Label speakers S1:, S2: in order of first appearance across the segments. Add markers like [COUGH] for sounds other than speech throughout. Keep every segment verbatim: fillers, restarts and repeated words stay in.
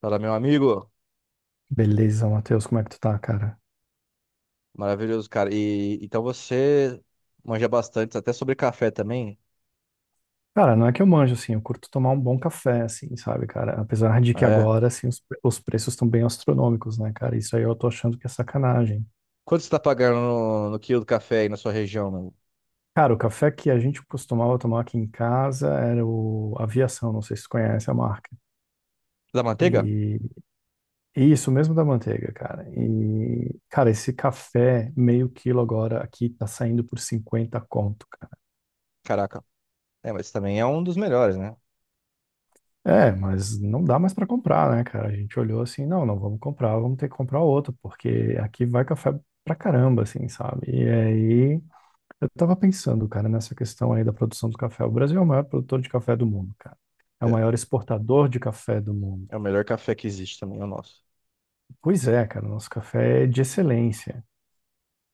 S1: Fala, meu amigo.
S2: Beleza, Matheus, como é que tu tá, cara?
S1: Maravilhoso, cara. E então você manja bastante, até sobre café também.
S2: Cara, não é que eu manjo, assim, eu curto tomar um bom café, assim, sabe, cara? Apesar de que
S1: Ah, É.
S2: agora, assim, os, pre- os preços estão bem astronômicos, né, cara? Isso aí eu tô achando que é sacanagem.
S1: Quanto você tá pagando no, no quilo do café aí na sua região? no-
S2: Cara, o café que a gente costumava tomar aqui em casa era o Aviação, não sei se tu conhece a marca.
S1: Da manteiga?
S2: E, e isso mesmo da manteiga, cara. E, cara, esse café meio quilo agora aqui tá saindo por cinquenta conto.
S1: Caraca. É, mas também é um dos melhores, né?
S2: É, mas não dá mais para comprar, né, cara? A gente olhou assim, não, não vamos comprar, vamos ter que comprar outro, porque aqui vai café pra caramba, assim, sabe? E aí, eu tava pensando, cara, nessa questão aí da produção do café. O Brasil é o maior produtor de café do mundo, cara. É o
S1: É,
S2: maior exportador de café do mundo.
S1: é o melhor café que existe também, é o nosso.
S2: Pois é, cara, o nosso café é de excelência.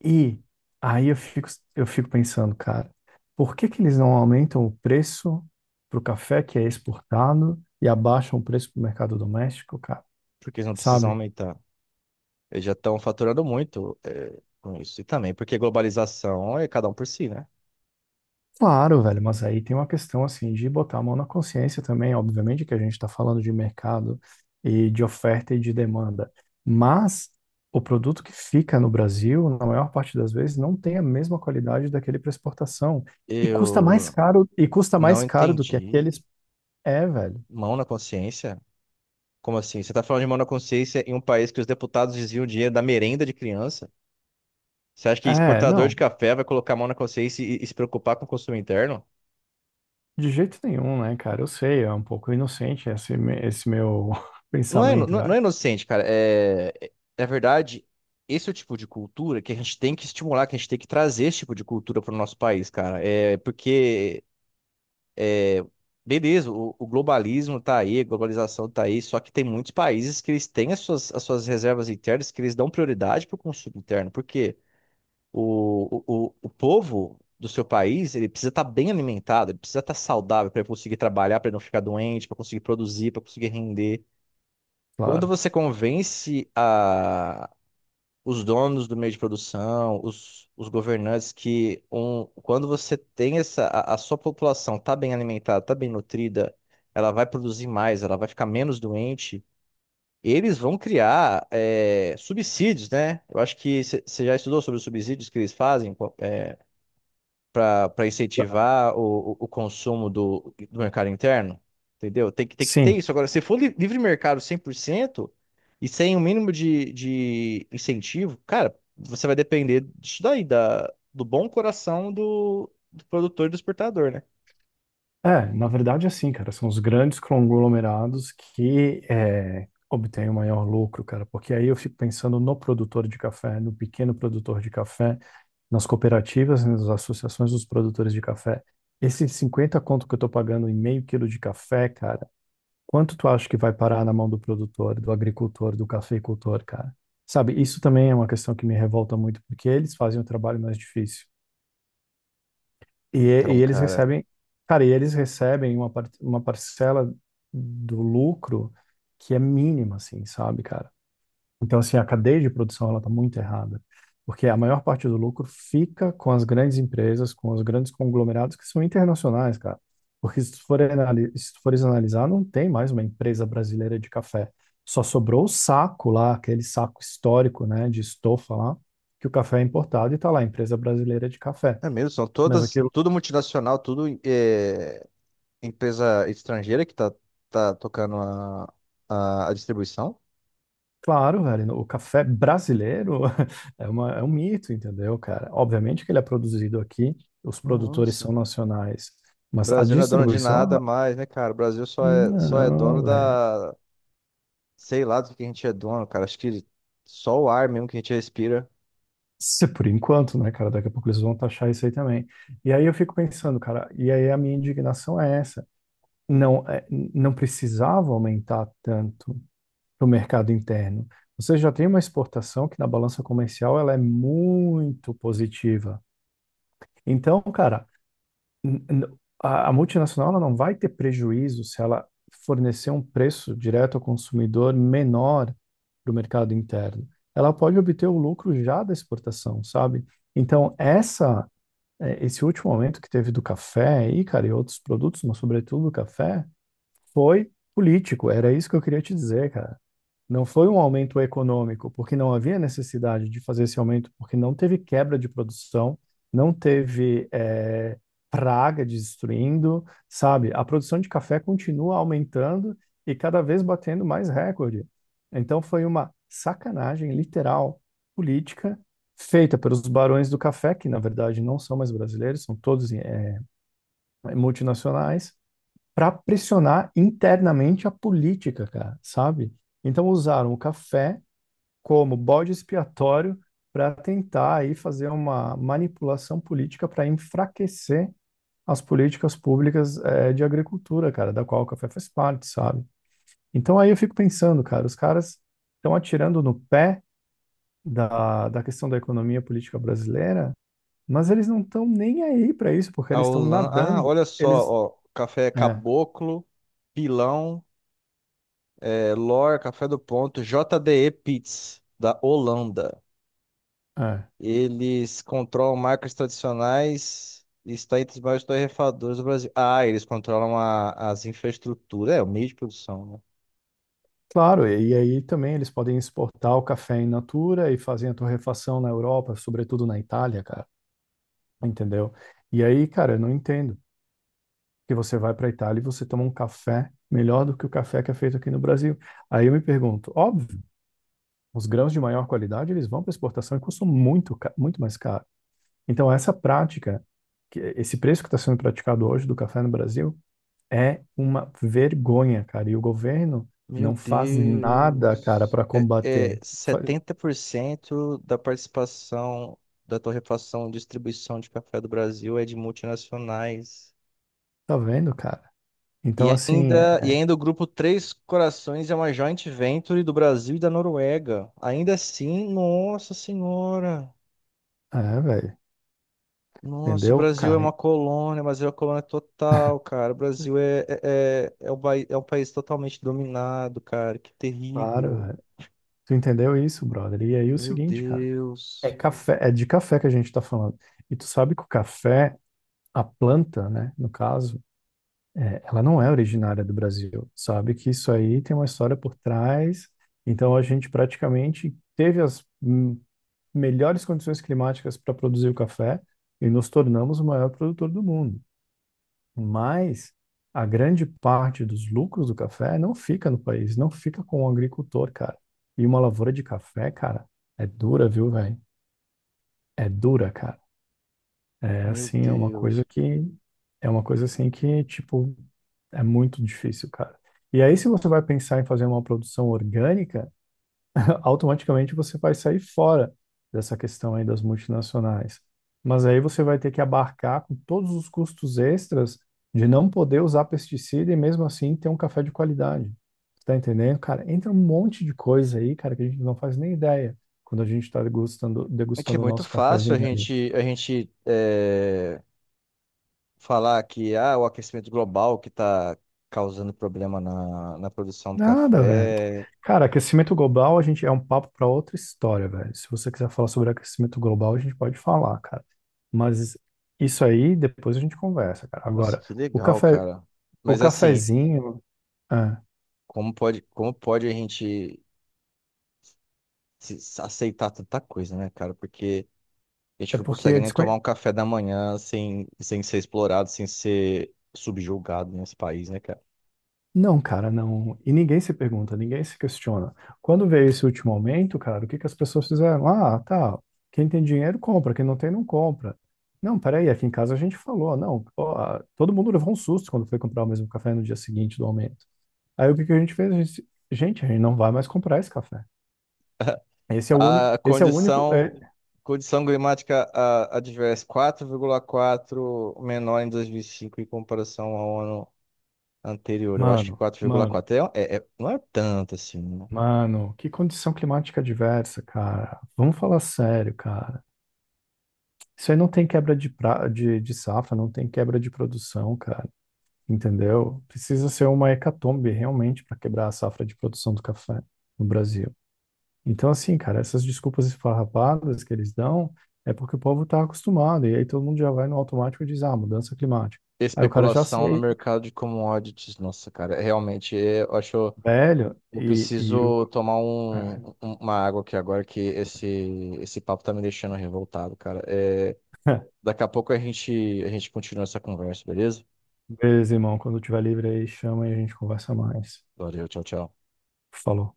S2: E aí eu fico, eu fico pensando, cara, por que que eles não aumentam o preço pro café que é exportado e abaixam o preço pro mercado doméstico, cara?
S1: Porque eles não precisam
S2: Sabe?
S1: aumentar. Eles já estão faturando muito, é, com isso. E também porque globalização é cada um por si, né?
S2: Claro, velho, mas aí tem uma questão assim de botar a mão na consciência também, obviamente que a gente está falando de mercado e de oferta e de demanda, mas o produto que fica no Brasil, na maior parte das vezes, não tem a mesma qualidade daquele para exportação e custa mais
S1: Eu
S2: caro e custa
S1: não
S2: mais caro do que
S1: entendi.
S2: aqueles é, velho.
S1: Mão na consciência. Como assim? Você está falando de mão na consciência em um país que os deputados desviam dinheiro da merenda de criança? Você acha que
S2: É,
S1: exportador
S2: não,
S1: de café vai colocar a mão na consciência e, e se preocupar com o consumo interno?
S2: de jeito nenhum, né, cara? Eu sei, é um pouco inocente esse, me- esse meu [LAUGHS]
S1: Não é, ino-
S2: pensamento,
S1: não, é não
S2: velho.
S1: é inocente, cara. É, é- na verdade, esse é o tipo de cultura que a gente tem que estimular, que a gente tem que trazer esse tipo de cultura para o nosso país, cara. É porque, beleza, o, o globalismo tá aí, a globalização tá aí, só que tem muitos países que eles têm as suas, as suas reservas internas, que eles dão prioridade para o consumo interno. Por quê? O, o, o, o povo do seu país, ele precisa estar bem alimentado, ele precisa estar saudável para conseguir trabalhar, para não ficar doente, para conseguir produzir, para conseguir render. Quando
S2: Claro.
S1: você convence a, os donos do meio de produção, os, os governantes, que um, quando você tem essa, a, a sua população está bem alimentada, está bem nutrida, ela vai produzir mais, ela vai ficar menos doente, eles vão criar eh, subsídios, né? Eu acho que você já estudou sobre os subsídios que eles fazem. Pô, é, para incentivar o, o, o consumo do, do mercado interno, entendeu? Tem que, tem que ter
S2: Sim.
S1: isso. Agora, se for li- livre mercado cem por cento e sem o mínimo de, de incentivo, cara, você vai depender disso daí, da, do bom coração do, do produtor e do exportador, né?
S2: É, na verdade, assim, cara, são os grandes conglomerados que é, obtêm o maior lucro, cara, porque aí eu fico pensando no produtor de café, no pequeno produtor de café, nas cooperativas, né, nas associações dos produtores de café. Esses cinquenta conto que eu tô pagando em meio quilo de café, cara, quanto tu acha que vai parar na mão do produtor, do agricultor, do cafeicultor, cara? Sabe, isso também é uma questão que me revolta muito, porque eles fazem o trabalho mais difícil. E,
S1: Então,
S2: e eles
S1: cara,
S2: recebem, cara, e eles recebem uma, par- uma parcela do lucro que é mínima, assim, sabe, cara? Então, assim, a cadeia de produção, ela tá muito errada, porque a maior parte do lucro fica com as grandes empresas, com os grandes conglomerados que são internacionais, cara. Porque se tu for anali- se tu fores analisar, não tem mais uma empresa brasileira de café. Só sobrou o saco lá, aquele saco histórico, né, de estofa lá, que o café é importado e tá lá, empresa brasileira de café.
S1: é mesmo, são
S2: Mas aqui.
S1: todas, tudo multinacional, tudo é, empresa estrangeira que tá, tá tocando a, a, a distribuição.
S2: Claro, velho, o café brasileiro [LAUGHS] é uma, é um mito, entendeu, cara? Obviamente que ele é produzido aqui, os produtores são
S1: Nossa,
S2: nacionais,
S1: o
S2: mas a
S1: Brasil não é dono de
S2: distribuição,
S1: nada
S2: ela-
S1: mais, né, cara? O Brasil só é, só é dono
S2: não, velho.
S1: da. Sei lá do que a gente é dono, cara. Acho que só o ar mesmo que a gente respira.
S2: Se por enquanto, né, cara? Daqui a pouco eles vão taxar isso aí também. E aí eu fico pensando, cara, e aí a minha indignação é essa. Não, é, não precisava aumentar tanto para o mercado interno. Você já tem uma exportação que na balança comercial ela é muito positiva. Então, cara. n- n- a a multinacional ela não vai ter prejuízo se ela fornecer um preço direto ao consumidor menor para o mercado interno. Ela pode obter o lucro já da exportação, sabe? Então, essa, eh, esse último aumento que teve do café e cara, e outros produtos, mas sobretudo do café, foi político. Era isso que eu queria te dizer, cara. Não foi um aumento econômico, porque não havia necessidade de fazer esse aumento, porque não teve quebra de produção, não teve eh, praga destruindo, sabe? A produção de café continua aumentando e cada vez batendo mais recorde. Então foi uma sacanagem literal política feita pelos barões do café, que na verdade não são mais brasileiros, são todos eh, multinacionais, para pressionar internamente a política, cara, sabe? Então usaram o café como bode expiatório para tentar aí fazer uma manipulação política para enfraquecer as políticas públicas eh, de agricultura, cara, da qual o café faz parte, sabe? Então aí eu fico pensando, cara, os caras estão atirando no pé da, da questão da economia política brasileira, mas eles não estão nem aí para isso, porque
S1: A
S2: eles estão
S1: Holanda. Ah,
S2: nadando.
S1: olha só,
S2: Eles.
S1: ó. Café
S2: É,
S1: Caboclo, Pilão, é, Lor, Café do Ponto, J D E Peet's, da Holanda.
S2: é.
S1: Eles controlam marcas tradicionais e está entre os maiores torrefadores do Brasil. Ah, eles controlam a- as infraestruturas, é, o meio de produção, né?
S2: Claro, e aí também eles podem exportar o café in natura e fazem a torrefação na Europa, sobretudo na Itália, cara. Entendeu? E aí, cara, eu não entendo. Que você vai para Itália e você toma um café melhor do que o café que é feito aqui no Brasil. Aí eu me pergunto, óbvio, os grãos de maior qualidade, eles vão para exportação e custam muito, ca- muito mais caro. Então, essa prática, que- esse preço que está sendo praticado hoje do café no Brasil, é uma vergonha, cara. E o governo
S1: Meu
S2: não faz nada, cara,
S1: Deus.
S2: para
S1: É, é
S2: combater. Faz.
S1: setenta por cento da participação da torrefação e distribuição de café do Brasil é de multinacionais.
S2: Tá vendo, cara?
S1: E
S2: Então, assim,
S1: ainda, e
S2: é,
S1: ainda o grupo Três Corações é uma joint venture do Brasil e da Noruega. Ainda assim, nossa senhora.
S2: é, velho,
S1: Nossa, o
S2: entendeu,
S1: Brasil é
S2: cara?
S1: uma colônia, mas é uma colônia total, cara. O Brasil é, é, é, é um pai- é um país totalmente dominado, cara. Que
S2: Claro,
S1: terrível.
S2: velho. Tu entendeu isso, brother? E aí o
S1: Meu
S2: seguinte, cara, é
S1: Deus.
S2: café, é de café que a gente tá falando. E tu sabe que o café, a planta, né, no caso, é, ela não é originária do Brasil. Sabe que isso aí tem uma história por trás. Então a gente praticamente teve as hum, melhores condições climáticas para produzir o café e nos tornamos o maior produtor do mundo. Mas a grande parte dos lucros do café não fica no país, não fica com o agricultor, cara. E uma lavoura de café, cara, é dura, viu, velho? É dura, cara. É
S1: Meu
S2: assim, é uma coisa
S1: Deus.
S2: que é uma coisa assim que, tipo, é muito difícil, cara. E aí, se você vai pensar em fazer uma produção orgânica, [LAUGHS] automaticamente você vai sair fora dessa questão aí das multinacionais. Mas aí você vai ter que abarcar com todos os custos extras de não poder usar pesticida e mesmo assim ter um café de qualidade. Tá entendendo? Cara, entra um monte de coisa aí, cara, que a gente não faz nem ideia quando a gente tá degustando,
S1: É que é
S2: degustando o
S1: muito
S2: nosso
S1: fácil a
S2: cafezinho ali.
S1: gente, a gente é, falar que ah, o aquecimento global que está causando problema na, na produção do
S2: Nada, velho.
S1: café.
S2: Cara, aquecimento global, a gente é um papo para outra história, velho. Se você quiser falar sobre aquecimento global, a gente pode falar, cara. Mas isso aí, depois a gente conversa, cara.
S1: Nossa,
S2: Agora,
S1: que
S2: o
S1: legal,
S2: café,
S1: cara.
S2: o
S1: Mas assim,
S2: cafezinho, é,
S1: como pode, como pode a gente se- se aceitar tanta coisa, né, cara? Porque a gente
S2: é
S1: não
S2: porque
S1: consegue
S2: é
S1: nem tomar
S2: desconhe...
S1: um café da manhã sem, sem ser explorado, sem ser subjugado nesse país, né, cara?
S2: Não, cara, não. E ninguém se pergunta, ninguém se questiona. Quando veio esse último aumento, cara, o que que as pessoas fizeram? Ah, tá. Quem tem dinheiro compra, quem não tem não compra. Não, peraí, aqui em casa a gente falou, não, ó, todo mundo levou um susto quando foi comprar o mesmo café no dia seguinte do aumento. Aí o que que a gente fez? A gente, disse, gente, a gente não vai mais comprar esse café. Esse é o único,
S1: A
S2: esse é o único, é-
S1: condição, Condição climática a- adversa quatro vírgula quatro menor em dois mil e cinco em comparação ao ano anterior. Eu acho que
S2: mano, mano,
S1: quatro vírgula quatro é, é- é- não é tanto assim, né?
S2: mano, que condição climática diversa, cara. Vamos falar sério, cara. Isso aí não tem quebra de, pra, de, de safra, não tem quebra de produção, cara. Entendeu? Precisa ser uma hecatombe realmente para quebrar a safra de produção do café no Brasil. Então, assim, cara, essas desculpas esfarrapadas que eles dão é porque o povo tá acostumado, e aí todo mundo já vai no automático e diz, ah, mudança climática. Aí o cara já
S1: Especulação no
S2: aceita.
S1: mercado de commodities. Nossa, cara, é realmente é, eu acho.
S2: Velho,
S1: Eu
S2: e, e
S1: preciso
S2: o.
S1: tomar um-
S2: [LAUGHS]
S1: um- uma água aqui agora que esse, esse papo tá me deixando revoltado, cara. É, daqui a pouco a gente, a gente continua essa conversa, beleza?
S2: Beleza, irmão. Quando tiver livre aí, chama e a gente conversa mais.
S1: Valeu, tchau, tchau.
S2: Falou.